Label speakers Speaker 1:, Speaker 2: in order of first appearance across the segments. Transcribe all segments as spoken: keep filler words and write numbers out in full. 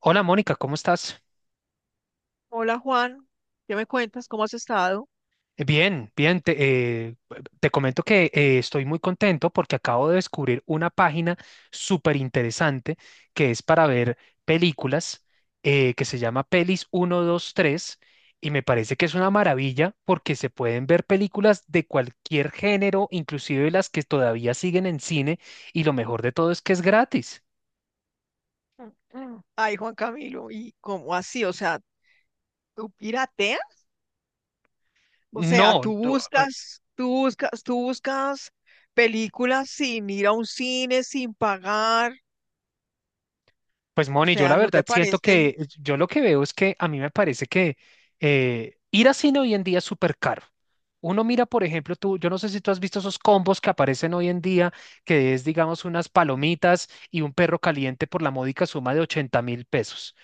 Speaker 1: Hola Mónica, ¿cómo estás?
Speaker 2: Hola Juan, ¿qué me cuentas? ¿Cómo has estado?
Speaker 1: Eh, Bien, bien, te, eh, te comento que eh, estoy muy contento porque acabo de descubrir una página súper interesante que es para ver películas eh, que se llama Pelis ciento veintitrés y me parece que es una maravilla porque se pueden ver películas de cualquier género, inclusive las que todavía siguen en cine, y lo mejor de todo es que es gratis.
Speaker 2: Mm. Ay, Juan Camilo, ¿y cómo así? O sea, ¿tú pirateas? O sea,
Speaker 1: No,
Speaker 2: tú
Speaker 1: no.
Speaker 2: buscas, tú buscas, tú buscas películas sin ir a un cine, sin pagar.
Speaker 1: Pues
Speaker 2: O
Speaker 1: Moni, yo
Speaker 2: sea,
Speaker 1: la
Speaker 2: ¿no
Speaker 1: verdad
Speaker 2: te
Speaker 1: siento
Speaker 2: parece?
Speaker 1: que yo lo que veo es que a mí me parece que eh, ir a cine hoy en día es súper caro. Uno mira, por ejemplo, tú, yo no sé si tú has visto esos combos que aparecen hoy en día, que es, digamos, unas palomitas y un perro caliente por la módica suma de ochenta mil pesos.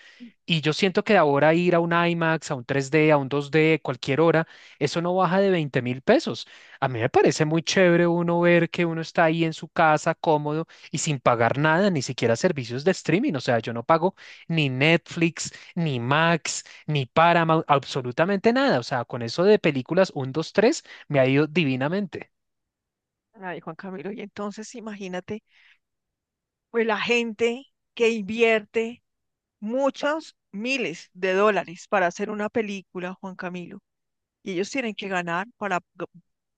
Speaker 1: Y yo siento que ahora ir a un IMAX, a un tres D, a un dos D, cualquier hora, eso no baja de veinte mil pesos. A mí me parece muy chévere uno ver que uno está ahí en su casa cómodo y sin pagar nada, ni siquiera servicios de streaming. O sea, yo no pago ni Netflix, ni Max, ni Paramount, absolutamente nada. O sea, con eso de películas uno, dos, tres, me ha ido divinamente.
Speaker 2: Ay, Juan Camilo, y entonces imagínate, pues la gente que invierte muchos miles de dólares para hacer una película, Juan Camilo, y ellos tienen que ganar para, o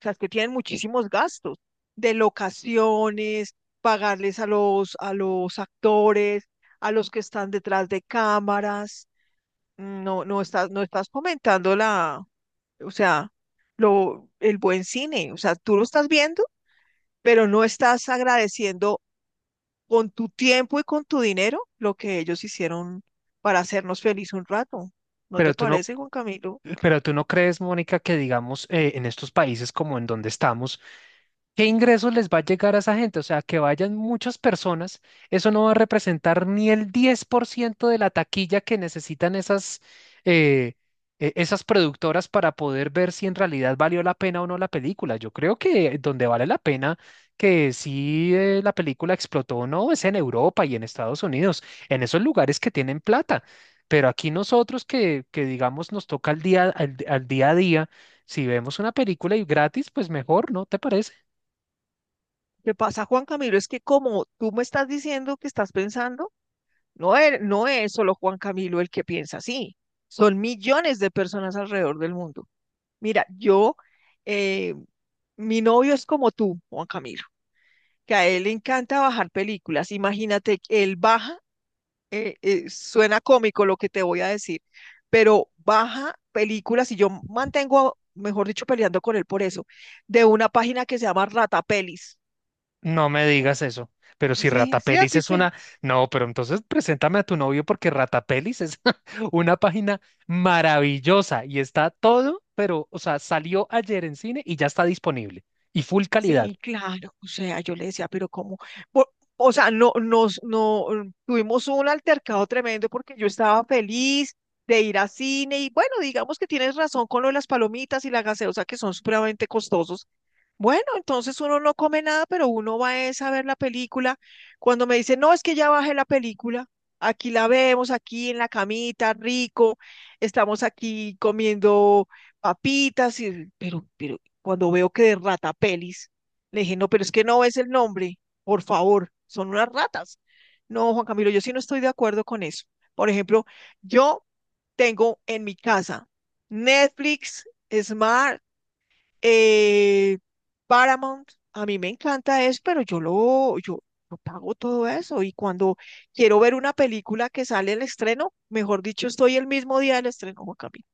Speaker 2: sea, es que tienen muchísimos gastos de locaciones, pagarles a los, a los actores, a los que están detrás de cámaras. No, no estás, no estás comentando la, o sea, lo, el buen cine, o sea, tú lo estás viendo, pero no estás agradeciendo con tu tiempo y con tu dinero lo que ellos hicieron para hacernos feliz un rato. ¿No te
Speaker 1: Pero tú no,
Speaker 2: parece, Juan Camilo?
Speaker 1: pero tú no crees, Mónica, que digamos eh, en estos países como en donde estamos, ¿qué ingresos les va a llegar a esa gente? O sea, que vayan muchas personas, eso no va a representar ni el diez por ciento de la taquilla que necesitan esas, eh, e- esas productoras para poder ver si en realidad valió la pena o no la película. Yo creo que donde vale la pena, que si eh, la película explotó o no, es en Europa y en Estados Unidos, en esos lugares que tienen plata. Pero aquí nosotros que, que digamos nos toca al día, al al día a día, si vemos una película y gratis, pues mejor, ¿no te parece?
Speaker 2: ¿Qué pasa, Juan Camilo? Es que como tú me estás diciendo que estás pensando, no es, no es solo Juan Camilo el que piensa así, son millones de personas alrededor del mundo. Mira, yo, eh, mi novio es como tú, Juan Camilo, que a él le encanta bajar películas. Imagínate, él baja eh, eh, suena cómico lo que te voy a decir, pero baja películas y yo mantengo, mejor dicho, peleando con él por eso, de una página que se llama Ratapelis.
Speaker 1: No me digas eso. Pero si
Speaker 2: Sí, sí,
Speaker 1: Ratapelis
Speaker 2: así
Speaker 1: es
Speaker 2: se.
Speaker 1: una... No, pero entonces preséntame a tu novio porque Ratapelis es una página maravillosa y está todo, pero, o sea, salió ayer en cine y ya está disponible. Y full calidad.
Speaker 2: Sí, claro, o sea, yo le decía, pero ¿cómo? Por- o sea, no, nos, no, mm, tuvimos un altercado tremendo porque yo estaba feliz de ir a cine y bueno, digamos que tienes razón con lo de las palomitas y la gaseosa que son supremamente costosos. Bueno, entonces uno no come nada, pero uno va es a ver la película. Cuando me dice, no, es que ya bajé la película, aquí la vemos, aquí en la camita, rico, estamos aquí comiendo papitas, y, pero, pero cuando veo que de ratapelis le dije, no, pero es que no es el nombre, por favor, son unas ratas. No, Juan Camilo, yo sí no estoy de acuerdo con eso. Por ejemplo, yo tengo en mi casa Netflix, Smart, eh, Paramount. A mí me encanta eso, pero yo lo, yo, yo pago todo eso. Y cuando quiero ver una película que sale el estreno, mejor dicho, estoy el mismo día del estreno, Juan Camilo.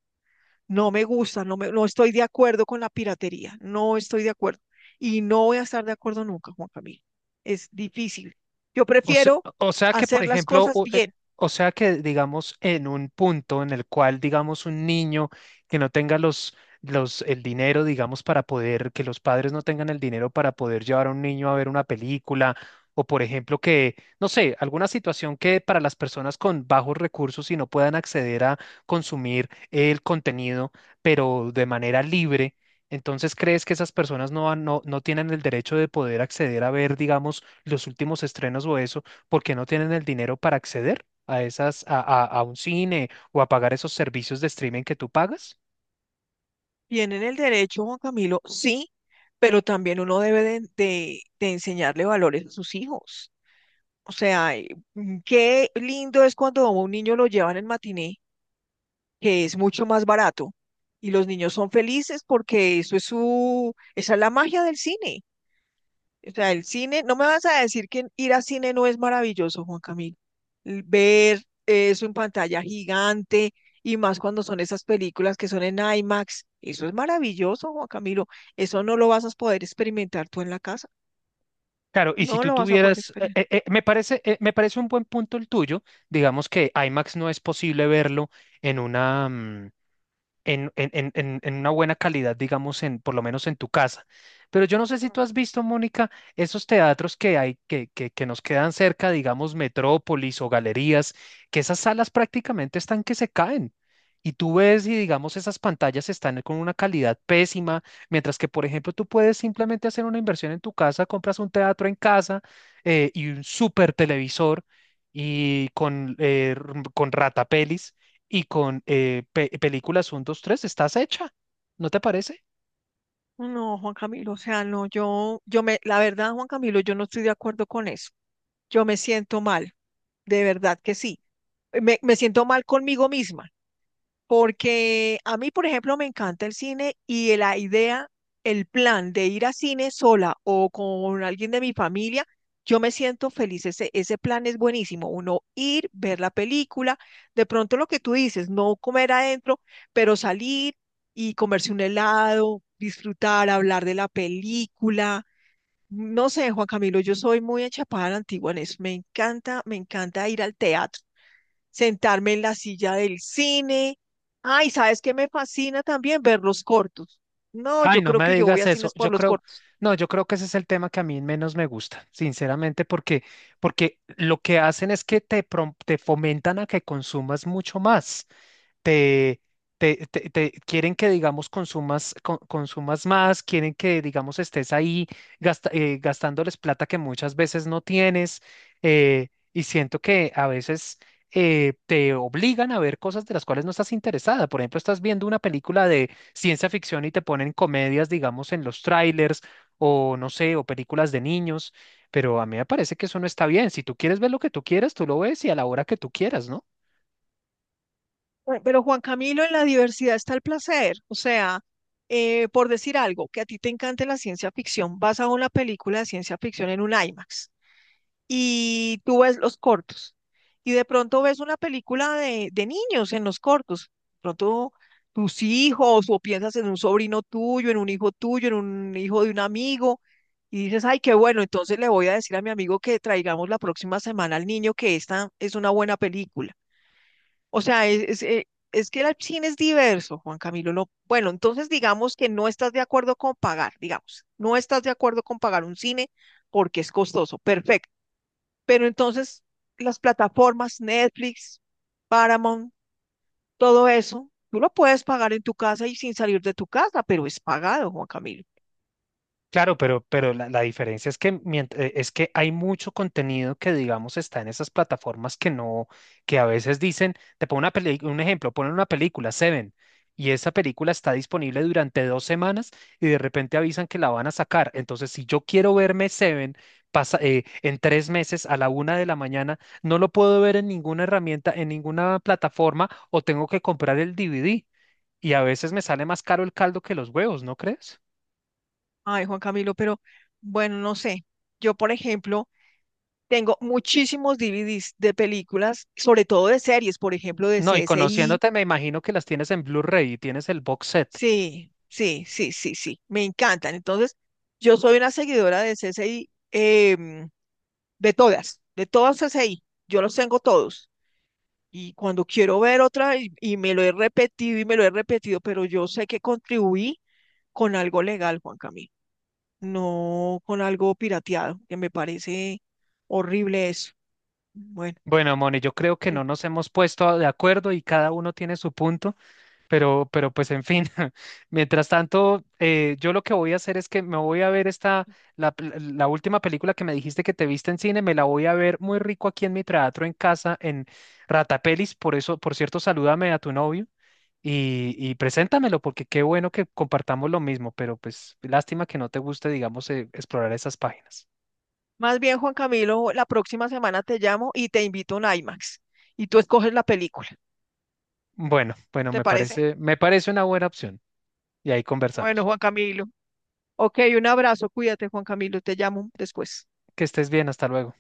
Speaker 2: No me gusta, no, me, no estoy de acuerdo con la piratería, no estoy de acuerdo. Y no voy a estar de acuerdo nunca, Juan Camilo. Es difícil. Yo
Speaker 1: O sea,
Speaker 2: prefiero
Speaker 1: o sea que, por
Speaker 2: hacer las
Speaker 1: ejemplo,
Speaker 2: cosas
Speaker 1: o eh,
Speaker 2: bien,
Speaker 1: o sea que, digamos, en un punto en el cual, digamos, un niño que no tenga los, los, el dinero, digamos, para poder, que los padres no tengan el dinero para poder llevar a un niño a ver una película, o por ejemplo que, no sé, alguna situación que para las personas con bajos recursos y no puedan acceder a consumir el contenido, pero de manera libre. Entonces, ¿crees que esas personas no, van- no, no tienen el derecho de poder acceder a ver, digamos, los últimos estrenos o eso, porque no tienen el dinero para acceder a esas, a, a- a un cine o a pagar esos servicios de streaming que tú pagas?
Speaker 2: bien en el derecho, Juan Camilo, sí, pero también uno debe de, de- de enseñarle valores a sus hijos. O sea, eh, mm, qué lindo es cuando a un niño lo llevan en matiné, que es mucho más barato, y los niños son felices porque eso es su, esa es la magia del cine. O sea, el cine, no me vas a decir que ir al cine no es maravilloso, Juan Camilo. L- Ver eso en pantalla gigante y más cuando son esas películas que son en IMAX, eso es maravilloso, Juan Camilo. Eso no lo vas a poder experimentar tú en la casa.
Speaker 1: Claro, y si
Speaker 2: No
Speaker 1: tú
Speaker 2: lo vas a poder
Speaker 1: tuvieras, eh,
Speaker 2: experimentar.
Speaker 1: eh, eh, me parece, eh, me parece un buen punto el tuyo, digamos que IMAX no es posible verlo en una, mm, en, en- en- en- en una buena calidad, digamos, en, por lo menos en tu casa. Pero yo no sé si tú has visto, Mónica, esos teatros que hay, que, que, que nos quedan cerca, digamos, Metrópolis o galerías, que esas salas prácticamente están que se caen. Y tú ves y digamos esas pantallas están con una calidad pésima, mientras que, por ejemplo, tú puedes simplemente hacer una inversión en tu casa, compras un teatro en casa, eh, y un super televisor, y con, eh, r- con ratapelis y con eh, pe- películas uno dos tres estás hecha, ¿no te parece?
Speaker 2: No, Juan Camilo, o sea, no, yo, yo me, la verdad, Juan Camilo, yo no estoy de acuerdo con eso. Yo me siento mal, de verdad que sí. Me, me siento mal conmigo misma. Porque a mí, por ejemplo, me encanta el cine y la idea, el plan de ir a cine sola o con alguien de mi familia, yo me siento feliz. Ese, ese plan es buenísimo. Uno ir, ver la película, de pronto lo que tú dices, no comer adentro, pero salir y comerse un helado, disfrutar, hablar de la película. No sé, Juan Camilo, yo soy muy enchapada a la antigua en eso. Me encanta, me encanta ir al teatro, sentarme en la silla del cine. Ay, ¿sabes qué me fascina también? Ver los cortos. No,
Speaker 1: Ay,
Speaker 2: yo
Speaker 1: no
Speaker 2: creo
Speaker 1: me
Speaker 2: que yo voy
Speaker 1: digas
Speaker 2: a
Speaker 1: eso.
Speaker 2: cines por
Speaker 1: Yo
Speaker 2: los
Speaker 1: creo,
Speaker 2: cortos.
Speaker 1: no, yo creo que ese es el tema que a mí menos me gusta, sinceramente, porque, porque lo que hacen es que te, prom- te fomentan a que consumas mucho más. te, te, te- te- Quieren que, digamos, consumas, co- consumas más, quieren que, digamos, estés ahí gasta- eh, gastándoles plata que muchas veces no tienes, eh, y siento que a veces eh, te obligan a ver cosas de las cuales no estás interesada. Por ejemplo, estás viendo una película de ciencia ficción y te ponen comedias, digamos, en los trailers, o no sé, o películas de niños, pero a mí me parece que eso no está bien. Si tú quieres ver lo que tú quieras, tú lo ves y a la hora que tú quieras, ¿no?
Speaker 2: Bueno, pero Juan Camilo, en la diversidad está el placer. O sea, eh, por decir algo, que a ti te encante la ciencia ficción, vas a una película de ciencia ficción en un IMAX, y tú ves los cortos y de pronto ves una película de, de niños en los cortos, de pronto tus hijos o piensas en un sobrino tuyo, en un hijo tuyo, en un hijo de un amigo y dices, ay, qué bueno, entonces le voy a decir a mi amigo que traigamos la próxima semana al niño que esta es una buena película. O sea, es, es, eh, es que el cine es diverso, Juan Camilo. No, bueno, entonces digamos que no estás de acuerdo con pagar, digamos, no estás de acuerdo con pagar un cine porque es costoso. Perfecto. Pero entonces las plataformas, Netflix, Paramount, todo eso, tú lo puedes pagar en tu casa y sin salir de tu casa, pero es pagado, Juan Camilo.
Speaker 1: Claro, pero, pero la, la diferencia es que, mient- eh, es que hay mucho contenido que, digamos, está en esas plataformas que no, que a veces dicen, te pongo una peli- un ejemplo, ponen una película, Seven, y esa película está disponible durante dos semanas y de repente avisan que la van a sacar. Entonces, si yo quiero verme Seven, pasa, eh, en tres meses a la una de la mañana, no lo puedo ver en ninguna herramienta, en ninguna plataforma, o tengo que comprar el D V D. Y a veces me sale más caro el caldo que los huevos, ¿no crees?
Speaker 2: Ay, Juan Camilo, pero bueno, no sé. Yo, por ejemplo, tengo muchísimos D V Ds de películas, sobre todo de series, por ejemplo, de
Speaker 1: No, y
Speaker 2: C S I.
Speaker 1: conociéndote, me imagino que las tienes en Blu-ray y tienes el box set.
Speaker 2: Sí, sí, sí, sí, sí, me encantan. Entonces, yo soy una seguidora de C S I, em, de todas, de todas C S I. Yo los tengo todos. Y cuando quiero ver otra, y, y me lo he repetido y me lo he repetido, pero yo sé que contribuí con algo legal, Juan Camilo, no con algo pirateado, que me parece horrible eso. Bueno,
Speaker 1: Bueno, Moni, yo creo que no
Speaker 2: en-
Speaker 1: nos hemos puesto de acuerdo y cada uno tiene su punto, pero, pero pues en fin, mientras tanto, eh, yo lo que voy a hacer es que me voy a ver esta, la, pel- la última película que me dijiste que te viste en cine, me la voy a ver muy rico aquí en mi teatro en casa, en Ratapelis, por eso, por cierto, salúdame a tu novio. Y, y preséntamelo, porque qué bueno que compartamos lo mismo, pero pues lástima que no te guste, digamos, eh, explorar esas páginas.
Speaker 2: más bien, Juan Camilo, la próxima semana te llamo y te invito a un IMAX y tú escoges la película.
Speaker 1: Bueno, bueno,
Speaker 2: ¿Te
Speaker 1: me
Speaker 2: parece?
Speaker 1: parece, me parece una buena opción y ahí
Speaker 2: Bueno,
Speaker 1: conversamos.
Speaker 2: Juan Camilo. Ok, un abrazo, cuídate, Juan Camilo, te llamo después.
Speaker 1: Que estés bien, hasta luego.